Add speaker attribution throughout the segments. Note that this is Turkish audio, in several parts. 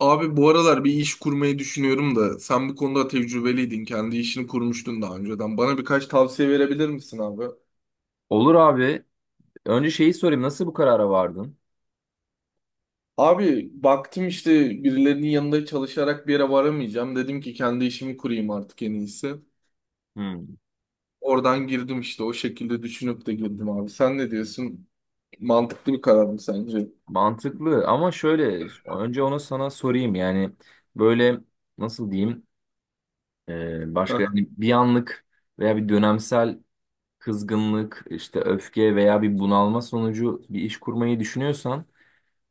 Speaker 1: Abi, bu aralar bir iş kurmayı düşünüyorum da sen bu konuda tecrübeliydin. Kendi işini kurmuştun daha önceden. Bana birkaç tavsiye verebilir misin abi?
Speaker 2: Olur abi. Önce şeyi sorayım. Nasıl bu karara vardın?
Speaker 1: Abi, baktım işte birilerinin yanında çalışarak bir yere varamayacağım. Dedim ki kendi işimi kurayım artık, en iyisi.
Speaker 2: Hmm.
Speaker 1: Oradan girdim işte, o şekilde düşünüp de girdim abi. Sen ne diyorsun? Mantıklı bir karar mı sence?
Speaker 2: Mantıklı, ama şöyle, önce onu sana sorayım. Yani, böyle, nasıl diyeyim? Başka,
Speaker 1: Aha,
Speaker 2: yani bir anlık veya bir dönemsel kızgınlık, işte öfke veya bir bunalma sonucu bir iş kurmayı düşünüyorsan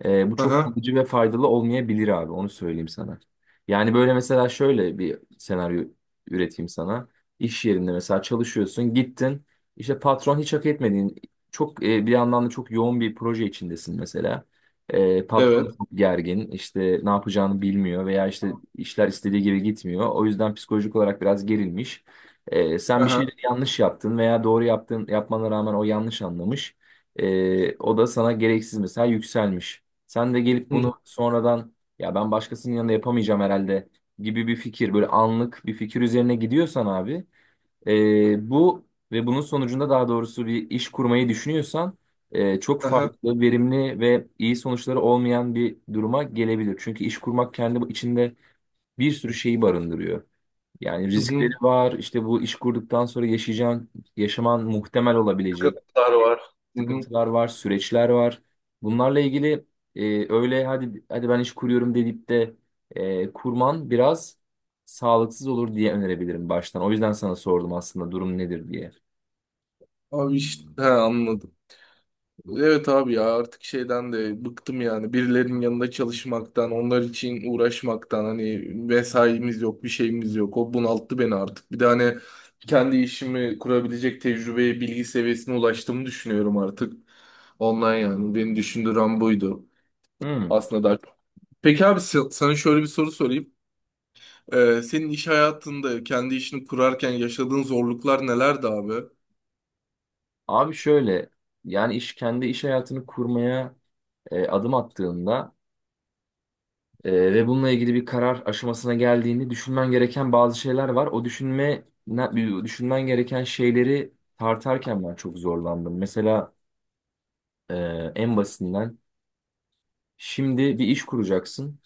Speaker 2: Bu çok
Speaker 1: aha,
Speaker 2: kalıcı ve faydalı olmayabilir abi, onu söyleyeyim sana. Yani böyle mesela şöyle bir senaryo üreteyim sana. İş yerinde mesela çalışıyorsun, gittin işte patron hiç hak etmediğin çok bir yandan da çok yoğun bir proje içindesin mesela.
Speaker 1: evet.
Speaker 2: Patron çok gergin, işte ne yapacağını bilmiyor veya işte işler istediği gibi gitmiyor. O yüzden psikolojik olarak biraz gerilmiş. Sen bir
Speaker 1: Aha.
Speaker 2: şeyleri yanlış yaptın veya doğru yaptın, yapmana rağmen o yanlış anlamış. O da sana gereksiz mesela yükselmiş. Sen de gelip
Speaker 1: Hı.
Speaker 2: bunu sonradan, ya ben başkasının yanında yapamayacağım herhalde gibi bir fikir, böyle anlık bir fikir üzerine gidiyorsan abi, bu ve bunun sonucunda, daha doğrusu, bir iş kurmayı düşünüyorsan, çok
Speaker 1: Aha.
Speaker 2: farklı, verimli ve iyi sonuçları olmayan bir duruma gelebilir. Çünkü iş kurmak kendi içinde bir sürü şeyi barındırıyor. Yani
Speaker 1: Hı
Speaker 2: riskleri
Speaker 1: hı.
Speaker 2: var, işte bu iş kurduktan sonra yaşayacağın, yaşaman muhtemel olabilecek
Speaker 1: Sıkıntılar var. Hı hı.
Speaker 2: sıkıntılar var, süreçler var. Bunlarla ilgili öyle hadi hadi ben iş kuruyorum deyip de kurman biraz sağlıksız olur diye önerebilirim baştan. O yüzden sana sordum aslında, durum nedir diye.
Speaker 1: Abi işte he, anladım. Evet abi, ya artık şeyden de bıktım, yani birilerinin yanında çalışmaktan, onlar için uğraşmaktan. Hani vesaimiz yok, bir şeyimiz yok, o bunalttı beni artık. Bir de hani kendi işimi kurabilecek tecrübeye, bilgi seviyesine ulaştığımı düşünüyorum artık. Ondan, yani beni düşündüren buydu
Speaker 2: Hmm.
Speaker 1: aslında da. Peki abi, sana şöyle bir soru sorayım. Senin iş hayatında kendi işini kurarken yaşadığın zorluklar nelerdi abi?
Speaker 2: Abi şöyle, yani iş, kendi iş hayatını kurmaya adım attığında ve bununla ilgili bir karar aşamasına geldiğini düşünmen gereken bazı şeyler var. O düşünmen gereken şeyleri tartarken ben çok zorlandım. Mesela e, en basitinden, şimdi bir iş kuracaksın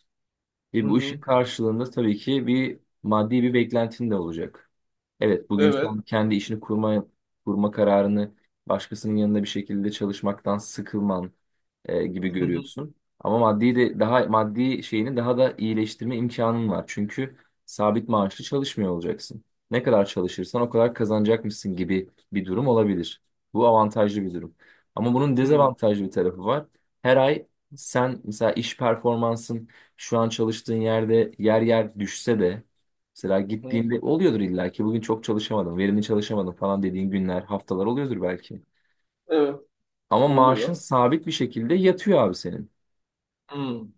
Speaker 2: ve
Speaker 1: Hı
Speaker 2: bu işin
Speaker 1: hı.
Speaker 2: karşılığında tabii ki bir maddi bir beklentin de olacak. Evet, bugün
Speaker 1: Evet.
Speaker 2: sen kendi işini kurma kararını başkasının yanında bir şekilde çalışmaktan sıkılman gibi
Speaker 1: Hı hı.
Speaker 2: görüyorsun. Ama maddi de, daha maddi şeyini daha da iyileştirme imkanın var. Çünkü sabit maaşlı çalışmıyor olacaksın. Ne kadar çalışırsan o kadar kazanacakmışsın gibi bir durum olabilir. Bu avantajlı bir durum. Ama bunun
Speaker 1: Hı
Speaker 2: dezavantajlı bir tarafı var. Her ay, sen mesela iş performansın şu an çalıştığın yerde yer yer düşse de, mesela
Speaker 1: hı.
Speaker 2: gittiğinde oluyordur illa ki, bugün çok çalışamadım, verimli çalışamadım falan dediğin günler, haftalar oluyordur belki.
Speaker 1: Evet.
Speaker 2: Ama maaşın
Speaker 1: Oluyor.
Speaker 2: sabit bir şekilde yatıyor abi senin.
Speaker 1: Hmm.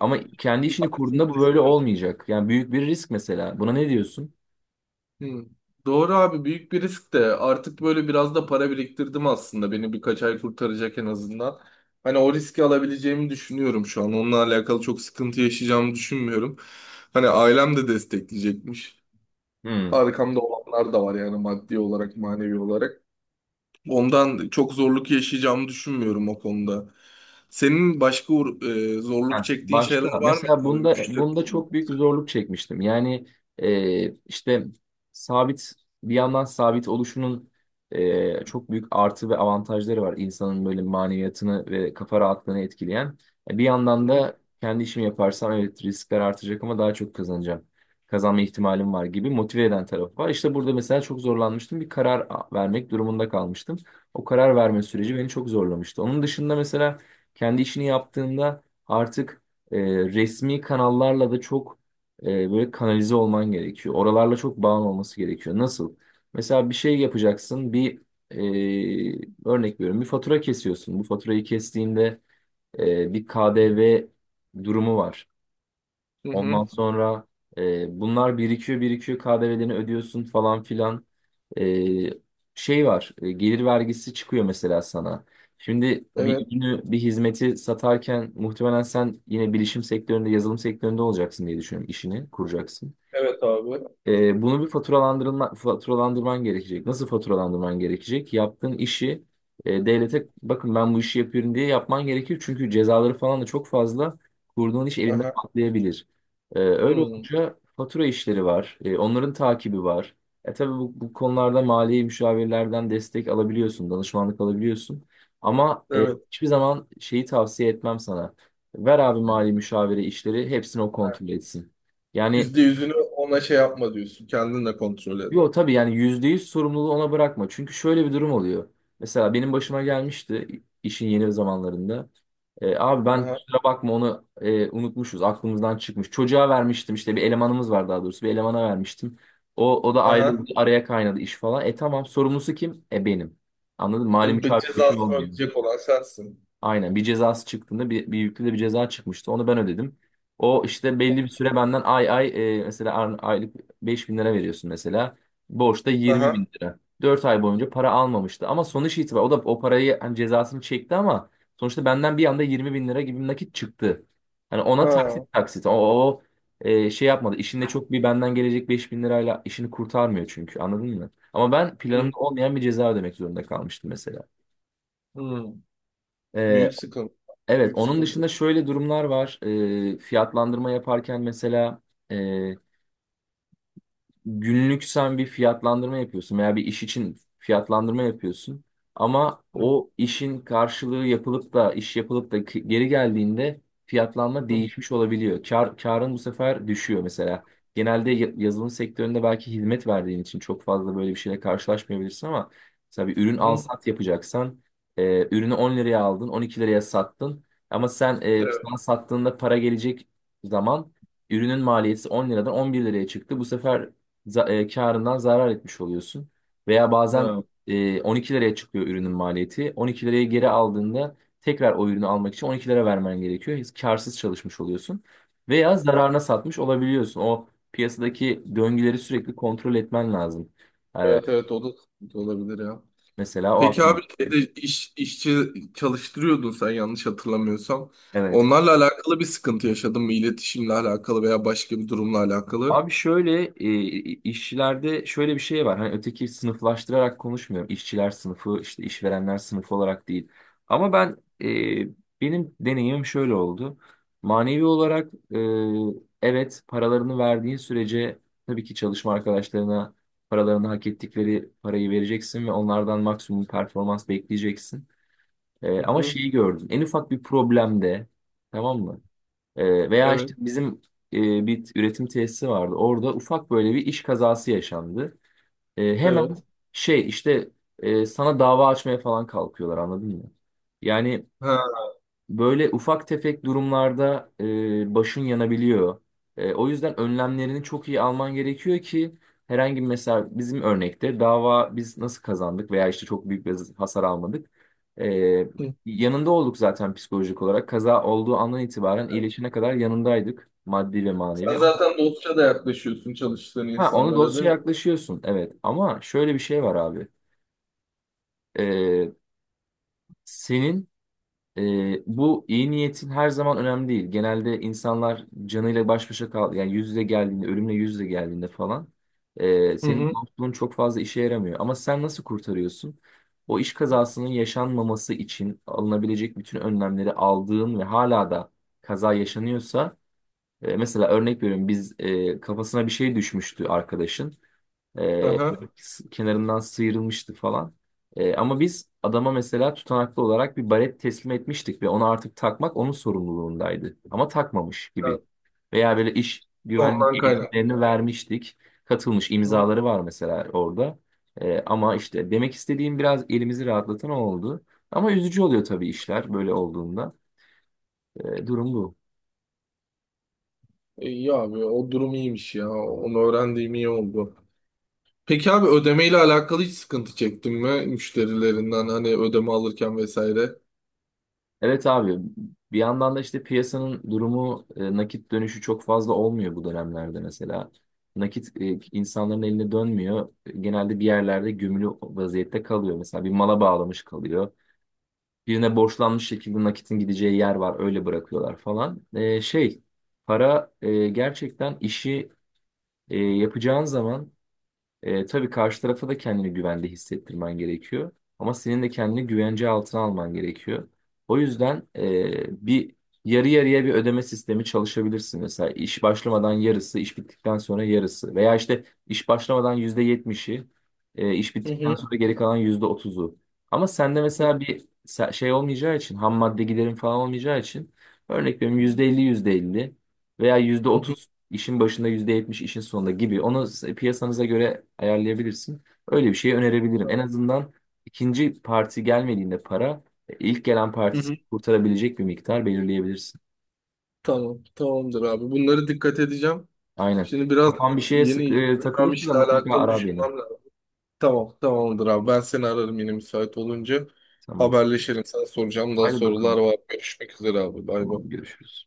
Speaker 2: Ama kendi işini
Speaker 1: Bak, şimdi
Speaker 2: kurduğunda bu böyle
Speaker 1: düşünün.
Speaker 2: olmayacak. Yani büyük bir risk mesela. Buna ne diyorsun?
Speaker 1: Hmm. Doğru abi, büyük bir risk de artık böyle biraz da para biriktirdim, aslında beni birkaç ay kurtaracak en azından. Hani o riski alabileceğimi düşünüyorum şu an. Onunla alakalı çok sıkıntı yaşayacağımı düşünmüyorum. Hani ailem de destekleyecekmiş.
Speaker 2: Hmm.
Speaker 1: Arkamda olanlar da var, yani maddi olarak, manevi olarak. Ondan çok zorluk yaşayacağımı düşünmüyorum o konuda. Senin başka zorluk
Speaker 2: Ha,
Speaker 1: çektiğin
Speaker 2: başka.
Speaker 1: şeyler var mı
Speaker 2: Mesela
Speaker 1: abi,
Speaker 2: bunda
Speaker 1: müşteri
Speaker 2: bunda
Speaker 1: olmak?
Speaker 2: çok büyük bir zorluk çekmiştim. Yani işte sabit, bir yandan sabit oluşunun çok büyük artı ve avantajları var. İnsanın böyle maneviyatını ve kafa rahatlığını etkileyen. E, bir yandan
Speaker 1: Hı hı.
Speaker 2: da kendi işimi yaparsam, evet riskler artacak ama daha çok kazanacağım. Kazanma ihtimalim var gibi motive eden tarafı var. İşte burada mesela çok zorlanmıştım. Bir vermek durumunda kalmıştım. O karar verme süreci beni çok zorlamıştı. Onun dışında mesela, kendi işini yaptığında artık e, resmi kanallarla da çok e, böyle kanalize olman gerekiyor. Oralarla çok bağın olması gerekiyor. Nasıl? Mesela bir şey yapacaksın, bir örnek veriyorum, bir fatura kesiyorsun. Bu faturayı kestiğinde bir KDV durumu var.
Speaker 1: Hı hı.
Speaker 2: Ondan sonra bunlar birikiyor birikiyor, KDV'lerini ödüyorsun falan filan. E, Şey var, gelir vergisi çıkıyor mesela sana. Şimdi bir
Speaker 1: Evet.
Speaker 2: ürünü, bir hizmeti satarken muhtemelen sen yine bilişim sektöründe, yazılım sektöründe olacaksın diye düşünüyorum, işini kuracaksın.
Speaker 1: Evet abi.
Speaker 2: Bunu bir faturalandırman gerekecek. Nasıl faturalandırman gerekecek? Yaptığın işi devlete, bakın ben bu işi yapıyorum diye, yapman gerekir. Çünkü cezaları falan da çok fazla. Kurduğun iş elinde
Speaker 1: Aha.
Speaker 2: patlayabilir. Öyle
Speaker 1: Hmm.
Speaker 2: olunca fatura işleri var. E, onların takibi var. Tabii bu konularda mali müşavirlerden destek alabiliyorsun, danışmanlık alabiliyorsun. Ama
Speaker 1: Evet.
Speaker 2: hiçbir zaman şeyi tavsiye etmem sana, ver abi mali müşavire işleri, hepsini o
Speaker 1: Ha,
Speaker 2: kontrol etsin. Yani
Speaker 1: yüzde yüzünü ona şey yapma diyorsun. Kendinle kontrol et.
Speaker 2: yo, tabii yani %100 sorumluluğu ona bırakma. Çünkü şöyle bir durum oluyor. Mesela benim başıma gelmişti işin yeni zamanlarında. E, abi ben
Speaker 1: Aha.
Speaker 2: kusura bakma, onu unutmuşuz, aklımızdan çıkmış. Çocuğa vermiştim işte, bir elemanımız var daha doğrusu. Bir elemana vermiştim. O da
Speaker 1: Aha.
Speaker 2: ayrıldı. Araya kaynadı iş falan. E, tamam, sorumlusu kim? E, benim. Anladın mı? Mali müşavir bir şey
Speaker 1: Cezasını
Speaker 2: olmuyor.
Speaker 1: ödeyecek olan sensin.
Speaker 2: Aynen, bir cezası çıktığında bir yüklü de bir ceza çıkmıştı. Onu ben ödedim. O işte belli bir süre benden ay ay, mesela aylık 5.000 lira veriyorsun mesela. Borçta yirmi
Speaker 1: Aha.
Speaker 2: bin lira. 4 ay boyunca para almamıştı. Ama sonuç itibariyle o da o parayı, hani cezasını çekti ama sonuçta benden bir anda 20.000 lira gibi bir nakit çıktı. Hani ona
Speaker 1: Ha.
Speaker 2: taksit taksit, şey yapmadı. İşinde çok bir benden gelecek 5.000 lirayla işini kurtarmıyor çünkü, anladın mı? Ama ben
Speaker 1: Hı. Hı.
Speaker 2: planımda olmayan bir ceza ödemek zorunda kalmıştım mesela.
Speaker 1: Hmm.
Speaker 2: E,
Speaker 1: Büyük sıkıntı.
Speaker 2: evet,
Speaker 1: Büyük
Speaker 2: onun
Speaker 1: sıkıntı.
Speaker 2: dışında şöyle durumlar var. Fiyatlandırma yaparken mesela günlük sen bir fiyatlandırma yapıyorsun veya bir iş için fiyatlandırma yapıyorsun. Ama
Speaker 1: Hı.
Speaker 2: o işin karşılığı yapılıp da, iş yapılıp da ki- geri geldiğinde fiyatlanma
Speaker 1: Hı.
Speaker 2: değişmiş olabiliyor. Karın bu sefer düşüyor mesela. Genelde yazılım sektöründe belki hizmet verdiğin için çok fazla böyle bir şeyle karşılaşmayabilirsin, ama mesela bir ürün al
Speaker 1: Hı.
Speaker 2: sat yapacaksan ürünü 10 liraya aldın, 12 liraya sattın, ama sen
Speaker 1: Evet.
Speaker 2: sana sattığında para gelecek zaman, ürünün maliyeti 10 liradan 11 liraya çıktı. Bu sefer karından zarar etmiş oluyorsun. Veya bazen
Speaker 1: Ha.
Speaker 2: 12 liraya çıkıyor ürünün maliyeti. 12 liraya geri aldığında tekrar o ürünü almak için 12 lira vermen gerekiyor. Hiç karsız çalışmış oluyorsun. Veya zararına satmış olabiliyorsun. O piyasadaki döngüleri sürekli kontrol etmen lazım. E,
Speaker 1: Evet, evet, o da sıkıntı olabilir ya.
Speaker 2: mesela o
Speaker 1: Peki
Speaker 2: aklıma.
Speaker 1: abi, şeyde iş, işçi çalıştırıyordun sen, yanlış hatırlamıyorsam.
Speaker 2: Evet.
Speaker 1: Onlarla alakalı bir sıkıntı yaşadın mı? İletişimle alakalı veya başka bir durumla alakalı?
Speaker 2: Abi şöyle, işçilerde şöyle bir şey var. Hani, öteki sınıflaştırarak konuşmuyorum, İşçiler sınıfı işte, işverenler sınıfı olarak değil. Ama ben, e, benim deneyimim şöyle oldu. Manevi olarak, evet, paralarını verdiğin sürece tabii ki çalışma arkadaşlarına paralarını, hak ettikleri parayı vereceksin ve onlardan maksimum performans bekleyeceksin. E,
Speaker 1: Hı
Speaker 2: ama
Speaker 1: hı.
Speaker 2: şeyi gördüm. En ufak bir problemde, tamam mı? Veya
Speaker 1: Evet.
Speaker 2: işte bizim bir üretim tesisi vardı. Orada ufak böyle bir iş kazası yaşandı. Hemen
Speaker 1: Evet.
Speaker 2: şey işte, sana dava açmaya falan kalkıyorlar, anladın mı? Yani,
Speaker 1: Ha.
Speaker 2: böyle ufak tefek durumlarda başın yanabiliyor. E, o yüzden önlemlerini çok iyi alman gerekiyor ki herhangi bir, mesela bizim örnekte dava, biz nasıl kazandık veya işte çok büyük bir hasar almadık. E,
Speaker 1: Hı.
Speaker 2: Yanında olduk zaten, psikolojik olarak. Kaza olduğu andan itibaren iyileşene kadar yanındaydık, maddi ve manevi.
Speaker 1: Sen
Speaker 2: Ama,
Speaker 1: zaten dostça da yaklaşıyorsun çalıştığın
Speaker 2: ha, onu
Speaker 1: insanlara, değil mi?
Speaker 2: dosyaya yaklaşıyorsun evet, ama şöyle bir şey var abi. E, senin Bu iyi niyetin her zaman önemli değil. Genelde insanlar canıyla baş başa kal, yani yüz yüze geldiğinde, ölümle yüz yüze geldiğinde falan,
Speaker 1: Hı
Speaker 2: senin
Speaker 1: hı.
Speaker 2: dostluğun çok fazla işe yaramıyor. Ama sen nasıl kurtarıyorsun? O iş kazasının yaşanmaması için alınabilecek bütün önlemleri aldığın ve hala da kaza yaşanıyorsa, mesela örnek veriyorum, biz, kafasına bir şey düşmüştü arkadaşın. Ee,
Speaker 1: Aha.
Speaker 2: Kenarından sıyrılmıştı falan. Ama biz adama mesela tutanaklı olarak bir baret teslim etmiştik ve onu artık takmak onun sorumluluğundaydı. Ama takmamış gibi.
Speaker 1: Evet.
Speaker 2: Veya böyle iş
Speaker 1: Ondan
Speaker 2: güvenlik eğitimlerini
Speaker 1: kaynaklı.
Speaker 2: vermiştik, katılmış
Speaker 1: Hı.
Speaker 2: imzaları var mesela orada. Ama işte demek istediğim, biraz elimizi rahatlatan o oldu. Ama üzücü oluyor tabii işler böyle olduğunda. Durum bu.
Speaker 1: İyi abi, o durum iyiymiş ya. Onu öğrendiğim iyi oldu. Peki abi, ödemeyle alakalı hiç sıkıntı çektin mi müşterilerinden, hani ödeme alırken vesaire?
Speaker 2: Evet abi, bir yandan da işte piyasanın durumu, nakit dönüşü çok fazla olmuyor bu dönemlerde mesela. Nakit insanların eline dönmüyor. Genelde bir yerlerde gömülü vaziyette kalıyor. Mesela bir mala bağlamış kalıyor, birine borçlanmış, şekilde nakitin gideceği yer var, öyle bırakıyorlar falan. E, şey, para, gerçekten işi yapacağın zaman, tabii karşı tarafa da kendini güvende hissettirmen gerekiyor. Ama senin de kendini güvence altına alman gerekiyor. O yüzden, bir yarı yarıya bir ödeme sistemi çalışabilirsin. Mesela iş başlamadan yarısı, iş bittikten sonra yarısı. Veya işte iş başlamadan %70'i, iş
Speaker 1: Hı
Speaker 2: bittikten
Speaker 1: hı,
Speaker 2: sonra geri kalan %30'u. Ama sende mesela şey olmayacağı için, ham madde giderin falan olmayacağı için, örnek veriyorum %50, yüzde elli veya yüzde
Speaker 1: hı hı,
Speaker 2: otuz. İşin başında %70, işin sonunda gibi. Onu piyasanıza göre ayarlayabilirsin. Öyle bir şey önerebilirim. En azından ikinci parti gelmediğinde para, ilk gelen
Speaker 1: hı
Speaker 2: parti seni
Speaker 1: hı.
Speaker 2: kurtarabilecek bir miktar belirleyebilirsin.
Speaker 1: Tamam, tamamdır abi. Bunları dikkat edeceğim.
Speaker 2: Aynen.
Speaker 1: Şimdi biraz
Speaker 2: Kafan bir şeye
Speaker 1: yeni yapacağım
Speaker 2: takılırsa da
Speaker 1: işle
Speaker 2: mutlaka
Speaker 1: alakalı
Speaker 2: ara beni.
Speaker 1: düşünmem lazım. Tamam, tamamdır abi. Ben seni ararım yine müsait olunca.
Speaker 2: Tamam.
Speaker 1: Haberleşelim. Sana soracağım daha
Speaker 2: Hadi
Speaker 1: sorular
Speaker 2: bakalım.
Speaker 1: var. Görüşmek üzere abi. Bay bay.
Speaker 2: Tamam görüşürüz.